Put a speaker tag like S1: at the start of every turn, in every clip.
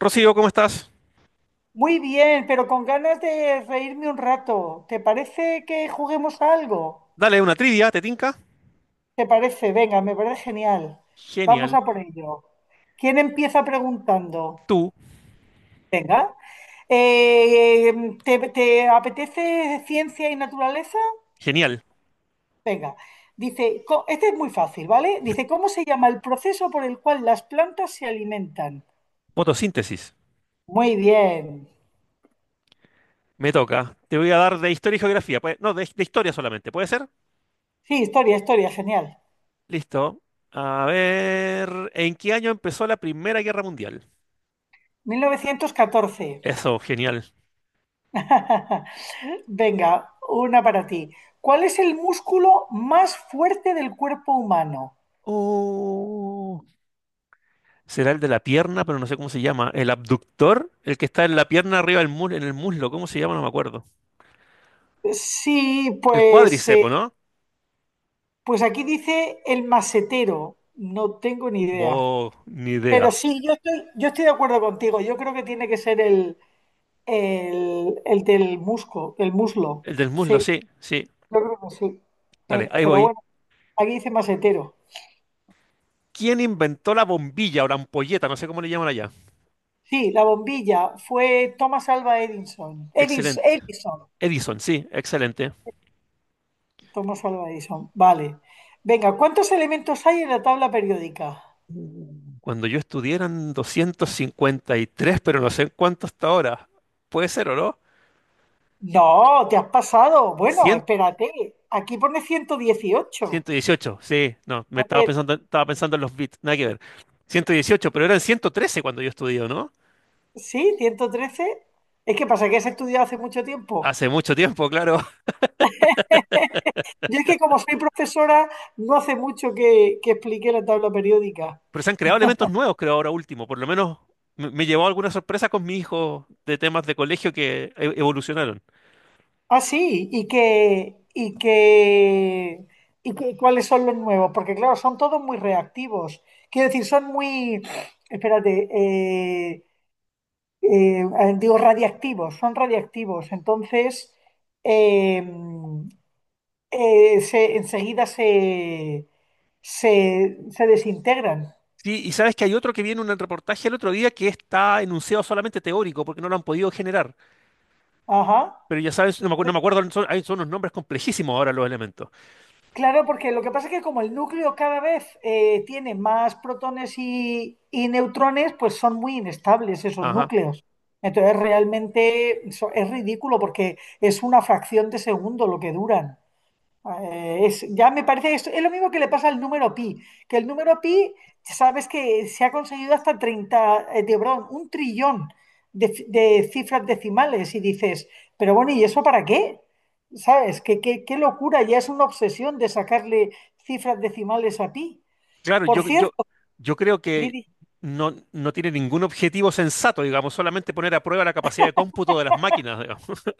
S1: Rocío, ¿cómo estás?
S2: Muy bien, pero con ganas de reírme un rato. ¿Te parece que juguemos a algo?
S1: Dale una trivia, ¿te tinca?
S2: ¿Te parece? Venga, me parece genial. Vamos
S1: Genial.
S2: a por ello. ¿Quién empieza preguntando?
S1: Tú,
S2: Venga. Eh, te apetece ciencia y naturaleza?
S1: genial.
S2: Venga. Dice, este es muy fácil, ¿vale? Dice, ¿cómo se llama el proceso por el cual las plantas se alimentan?
S1: Fotosíntesis.
S2: Muy bien.
S1: Me toca. Te voy a dar de historia y geografía. No, de historia solamente. ¿Puede ser?
S2: Sí, historia, historia, genial.
S1: Listo. A ver. ¿En qué año empezó la Primera Guerra Mundial?
S2: 1914.
S1: Eso, genial.
S2: Venga, una para ti. ¿Cuál es el músculo más fuerte del cuerpo humano?
S1: Oh, será el de la pierna, pero no sé cómo se llama. ¿El abductor? El que está en la pierna arriba del muslo, en el muslo. ¿Cómo se llama? No me acuerdo.
S2: Sí,
S1: El
S2: pues,
S1: cuádriceps, ¿no?
S2: pues aquí dice el masetero. No tengo ni idea.
S1: Oh, ni
S2: Pero
S1: idea.
S2: sí, yo estoy de acuerdo contigo. Yo creo que tiene que ser el del musco, el muslo.
S1: El del muslo,
S2: Sí,
S1: sí, sí.
S2: yo creo que sí.
S1: Dale,
S2: Eh,
S1: ahí
S2: pero
S1: voy.
S2: bueno, aquí dice masetero.
S1: ¿Quién inventó la bombilla o la ampolleta? No sé cómo le llaman allá.
S2: Sí, la bombilla fue Thomas Alva Edison. Edison,
S1: Excelente.
S2: Edison.
S1: Edison, sí, excelente.
S2: Thomas Alva Edison. Vale. Venga, ¿cuántos elementos hay en la tabla periódica?
S1: Cuando yo estudié eran 253, pero no sé en cuánto hasta ahora. ¿Puede ser o no?
S2: No, te has pasado. Bueno,
S1: 100,
S2: espérate. Aquí pone 118.
S1: 118, sí. No,
S2: A ver,
S1: estaba pensando en los bits, nada que ver. 118, pero eran 113 cuando yo estudié, ¿no?
S2: sí, 113. Es que pasa que has estudiado hace mucho tiempo.
S1: Hace mucho tiempo, claro.
S2: Yo es que como soy profesora, no hace mucho que expliqué la tabla periódica.
S1: Pero se han creado elementos nuevos, creo, ahora último. Por lo menos me llevó alguna sorpresa con mi hijo de temas de colegio que evolucionaron.
S2: Ah, sí, cuáles son los nuevos, porque claro, son todos muy reactivos. Quiero decir, son muy, espérate, eh, digo, radiactivos, son radiactivos. Entonces, eh, enseguida se desintegran.
S1: Sí, y sabes que hay otro que viene en un reportaje el otro día que está enunciado solamente teórico porque no lo han podido generar.
S2: Ajá.
S1: Pero ya sabes, no me acuerdo, son unos nombres complejísimos ahora los elementos.
S2: Claro, porque lo que pasa es que como el núcleo cada vez tiene más protones y neutrones, pues son muy inestables esos
S1: Ajá.
S2: núcleos. Entonces, realmente eso es ridículo porque es una fracción de segundo lo que duran. Ya me parece, es lo mismo que le pasa al número pi, que el número pi, sabes que se ha conseguido hasta 30 de, perdón, un trillón de cifras decimales y dices, pero bueno, ¿y eso para qué? ¿Sabes? ¿Qué locura? Ya es una obsesión de sacarle cifras decimales a pi.
S1: Claro,
S2: Por
S1: yo, yo,
S2: cierto,
S1: yo creo que
S2: Lidia.
S1: no tiene ningún objetivo sensato, digamos, solamente poner a prueba la capacidad de cómputo de las máquinas, digamos.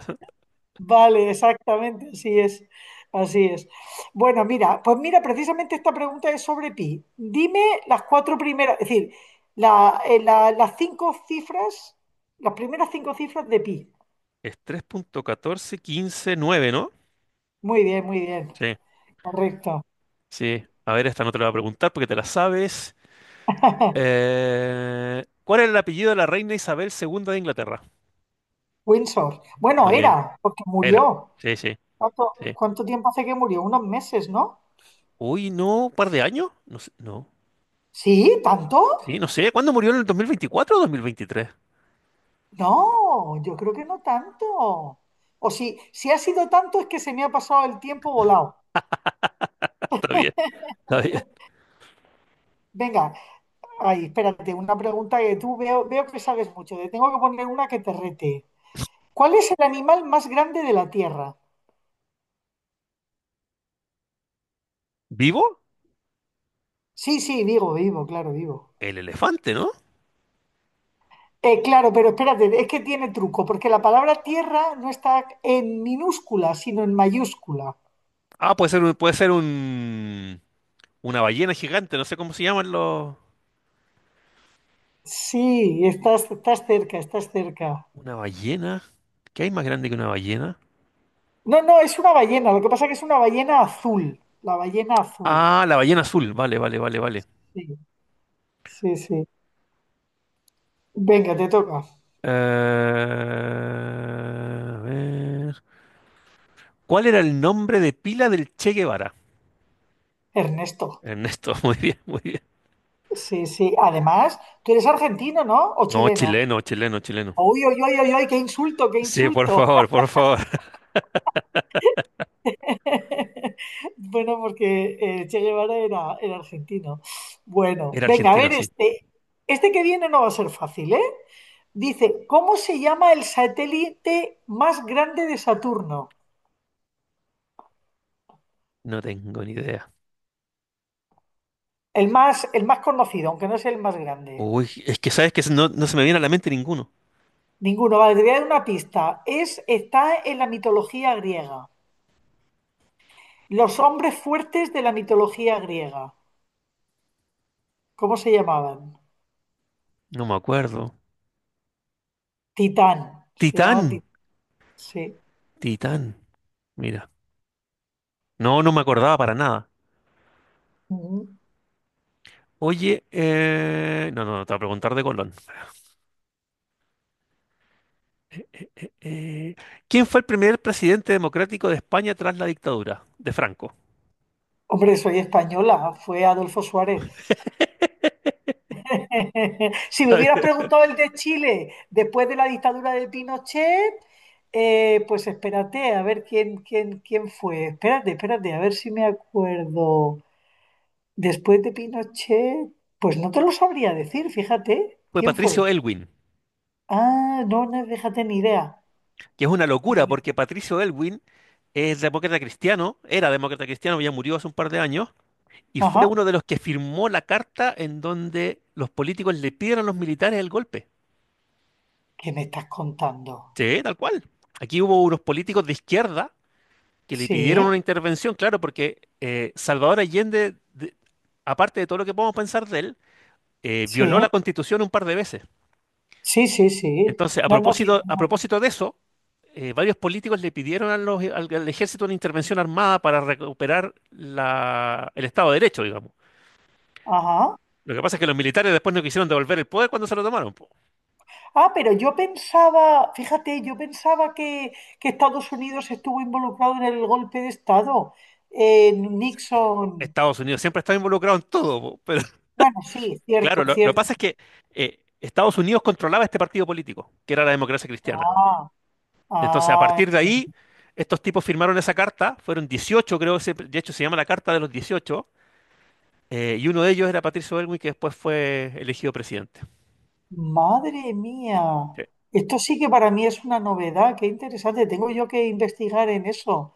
S2: Vale, exactamente, así es, así es. Bueno, mira, pues mira, precisamente esta pregunta es sobre pi. Dime las cuatro primeras, es decir, las cinco cifras, las primeras cinco cifras de pi.
S1: Es 3,14159, ¿no?
S2: Muy bien,
S1: Sí,
S2: correcto.
S1: sí. A ver, esta no te la voy a preguntar porque te la sabes. ¿Cuál era el apellido de la reina Isabel II de Inglaterra?
S2: Windsor. Bueno,
S1: Muy bien,
S2: era, porque
S1: era.
S2: murió.
S1: Sí, sí.
S2: ¿Cuánto,
S1: Sí.
S2: cuánto tiempo hace que murió? Unos meses, ¿no?
S1: Uy, no, un par de años. No sé, no.
S2: Sí, ¿tanto?
S1: Sí, no sé. ¿Cuándo murió en el 2024 o 2023?
S2: No, yo creo que no tanto. O si, ha sido tanto es que se me ha pasado el tiempo volado.
S1: Está bien, está bien.
S2: Venga. Ay, espérate, una pregunta veo que sabes mucho. Te tengo que poner una que te rete. ¿Cuál es el animal más grande de la Tierra?
S1: ¿Vivo?
S2: Sí, sí, digo, vivo, claro, vivo.
S1: El elefante, ¿no?
S2: Claro, pero espérate, es que tiene truco, porque la palabra tierra no está en minúscula, sino en mayúscula.
S1: Ah, una ballena gigante. No sé cómo se llaman los.
S2: Sí, estás cerca, estás cerca.
S1: Una ballena. ¿Qué hay más grande que una ballena?
S2: No, no, es una ballena, lo que pasa es que es una ballena azul, la ballena azul.
S1: Ah, la ballena azul. Vale, vale, vale, vale.
S2: Sí, sí, sí. Venga, te toca.
S1: Eh, a ver. ¿Cuál era el nombre de pila del Che Guevara?
S2: Ernesto.
S1: Ernesto, muy bien, muy bien.
S2: Sí, sí. Además, tú eres argentino, ¿no? ¿O
S1: No,
S2: chileno?
S1: chileno, chileno, chileno.
S2: Uy, uy, uy, uy, uy, qué insulto, qué
S1: Sí, por
S2: insulto.
S1: favor, por favor.
S2: Bueno, porque Che Guevara era argentino. Bueno,
S1: Era
S2: venga, a
S1: argentino,
S2: ver
S1: sí.
S2: este. Este que viene no va a ser fácil, ¿eh? Dice, ¿cómo se llama el satélite más grande de Saturno?
S1: No tengo ni idea.
S2: El más conocido, aunque no es el más grande.
S1: Uy, es que sabes que no, no se me viene a la mente ninguno.
S2: Ninguno, vale, te voy a dar una pista. Está en la mitología griega. Los hombres fuertes de la mitología griega. ¿Cómo se llamaban?
S1: No me acuerdo.
S2: Titán, se
S1: Titán.
S2: llama Titán, sí.
S1: Titán. Mira. No, no me acordaba para nada.
S2: Ujú.
S1: Oye, no, no, no, te voy a preguntar de Colón. Eh, ¿quién fue el primer presidente democrático de España tras la dictadura de Franco?
S2: Hombre, soy española, fue Adolfo Suárez. Si me hubieras preguntado el de Chile después de la dictadura de Pinochet, pues espérate, a ver quién fue. Espérate, espérate, a ver si me acuerdo. Después de Pinochet, pues no te lo sabría decir, fíjate,
S1: Fue
S2: ¿quién
S1: Patricio
S2: fue?
S1: Elwin,
S2: Ah, no, no, fíjate, ni idea.
S1: que es una
S2: Ni
S1: locura
S2: idea.
S1: porque Patricio Elwin es demócrata cristiano, era demócrata cristiano, ya murió hace un par de años. Y fue
S2: Ajá,
S1: uno de los que firmó la carta en donde los políticos le pidieron a los militares el golpe.
S2: ¿qué me estás contando?
S1: Sí, tal cual. Aquí hubo unos políticos de izquierda que le pidieron
S2: Sí,
S1: una intervención, claro, porque Salvador Allende, de- aparte de todo lo que podemos pensar de él, violó
S2: sí.
S1: la Constitución un par de veces.
S2: Sí, sí, sí.
S1: Entonces,
S2: No, no, sí.
S1: a
S2: No.
S1: propósito de eso, varios políticos le pidieron al, al ejército una intervención armada para recuperar el Estado de Derecho, digamos.
S2: Ajá.
S1: Lo que pasa es que los militares después no quisieron devolver el poder cuando se lo tomaron.
S2: Ah, pero yo pensaba, fíjate, yo pensaba que Estados Unidos estuvo involucrado en el golpe de Estado. En Nixon.
S1: Estados Unidos siempre estaba involucrado en todo, po, pero
S2: Bueno, sí, cierto,
S1: claro, lo que
S2: cierto.
S1: pasa es que Estados Unidos controlaba este partido político, que era la democracia cristiana.
S2: Ah,
S1: Entonces, a
S2: ah,
S1: partir de ahí,
S2: entiendo.
S1: estos tipos firmaron esa carta, fueron 18, creo, de hecho se llama la Carta de los 18, y uno de ellos era Patricio Elwin, que después fue elegido presidente.
S2: Madre mía. Esto sí que para mí es una novedad. Qué interesante. Tengo yo que investigar en eso.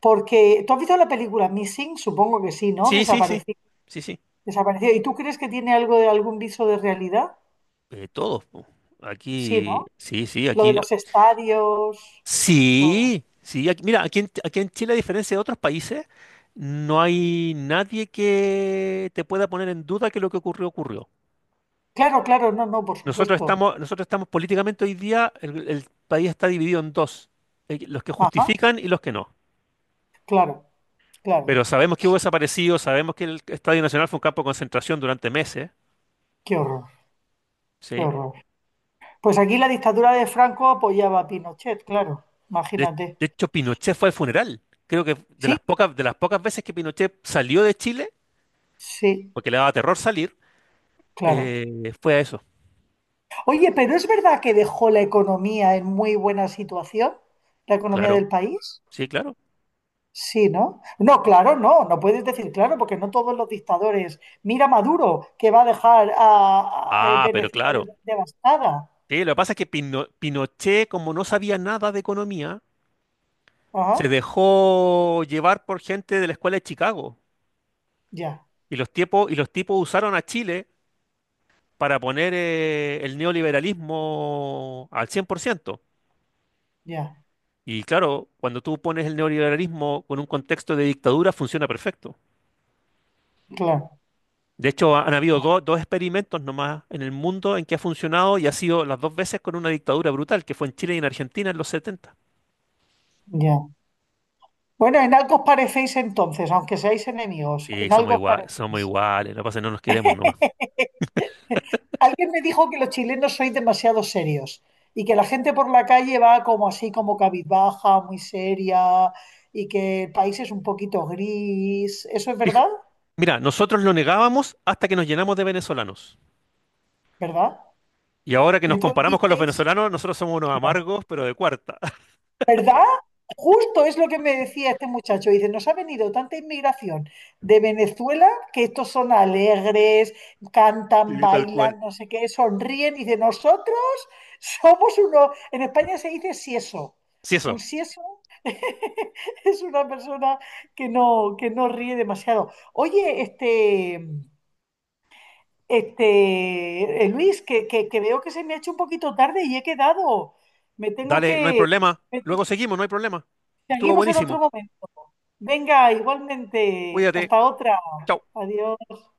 S2: Porque, ¿tú has visto la película Missing? Supongo que sí, ¿no?
S1: Sí, sí, sí,
S2: Desapareció.
S1: sí, sí. Sí.
S2: Desapareció. ¿Y tú crees que tiene algo de algún viso de realidad?
S1: Todos, po.
S2: Sí,
S1: Aquí,
S2: ¿no?
S1: sí, sí,
S2: Lo de
S1: aquí.
S2: los estadios, todo.
S1: Sí, sí, mira, aquí en Chile, a diferencia de otros países, no hay nadie que te pueda poner en duda que lo que ocurrió ocurrió.
S2: Claro, claro, no, no, por
S1: Nosotros
S2: supuesto.
S1: estamos, nosotros estamos políticamente hoy día, el país está dividido en dos, los que
S2: Ajá,
S1: justifican y los que no.
S2: claro, claro.
S1: Pero sabemos que hubo desaparecidos, sabemos que el Estadio Nacional fue un campo de concentración durante meses,
S2: Qué horror, qué
S1: ¿sí?
S2: horror. Pues aquí la dictadura de Franco apoyaba a Pinochet, claro,
S1: De,
S2: imagínate.
S1: de hecho, Pinochet fue al funeral. Creo que de las
S2: Sí,
S1: pocas, de las pocas veces que Pinochet salió de Chile,
S2: sí,
S1: porque le daba terror salir,
S2: claro.
S1: fue a eso,
S2: Oye, pero ¿es verdad que dejó la economía en muy buena situación? ¿La economía
S1: claro.
S2: del país?
S1: Sí, claro.
S2: Sí, ¿no? No, claro, no, no puedes decir claro, porque no todos los dictadores. Mira Maduro, que va a dejar a
S1: Ah, pero
S2: Venezuela
S1: claro.
S2: devastada.
S1: Sí, lo que pasa es que Pinochet, como no sabía nada de economía, se
S2: Ajá.
S1: dejó llevar por gente de la escuela de Chicago.
S2: Ya,
S1: Y los tipos usaron a Chile para poner el neoliberalismo al 100%.
S2: ya,
S1: Y claro, cuando tú pones el neoliberalismo con un contexto de dictadura, funciona perfecto.
S2: claro,
S1: De hecho, han habido dos experimentos nomás en el mundo en que ha funcionado y ha sido las dos veces con una dictadura brutal, que fue en Chile y en Argentina en los 70.
S2: ya. Bueno, en algo os parecéis entonces, aunque seáis enemigos,
S1: Sí,
S2: en
S1: somos
S2: algo os
S1: igual, somos
S2: parecéis.
S1: iguales, la pasa es que no nos queremos nomás.
S2: Alguien me dijo que los chilenos sois demasiado serios y que la gente por la calle va como así, como cabizbaja, muy seria y que el país es un poquito gris. ¿Eso es
S1: Fij-
S2: verdad?
S1: Mira, nosotros lo negábamos hasta que nos llenamos de venezolanos.
S2: ¿Verdad?
S1: Y ahora que
S2: Y
S1: nos
S2: entonces
S1: comparamos con los
S2: visteis.
S1: venezolanos, nosotros somos unos amargos, pero de cuarta.
S2: ¿Verdad? Justo es lo que me decía este muchacho. Dice, nos ha venido tanta inmigración de Venezuela que estos son alegres, cantan,
S1: Sí, tal cual.
S2: bailan, no sé qué, sonríen. Dice, nosotros somos uno, en España se dice sieso.
S1: Sí,
S2: Un
S1: eso.
S2: sieso es una persona que no ríe demasiado. Oye, Luis, que veo que se me ha hecho un poquito tarde y he quedado. Me tengo
S1: Dale, no hay
S2: que...
S1: problema. Luego seguimos, no hay problema. Estuvo
S2: Seguimos en otro
S1: buenísimo.
S2: momento. Venga, igualmente.
S1: Cuídate.
S2: Hasta otra.
S1: Chao.
S2: Adiós.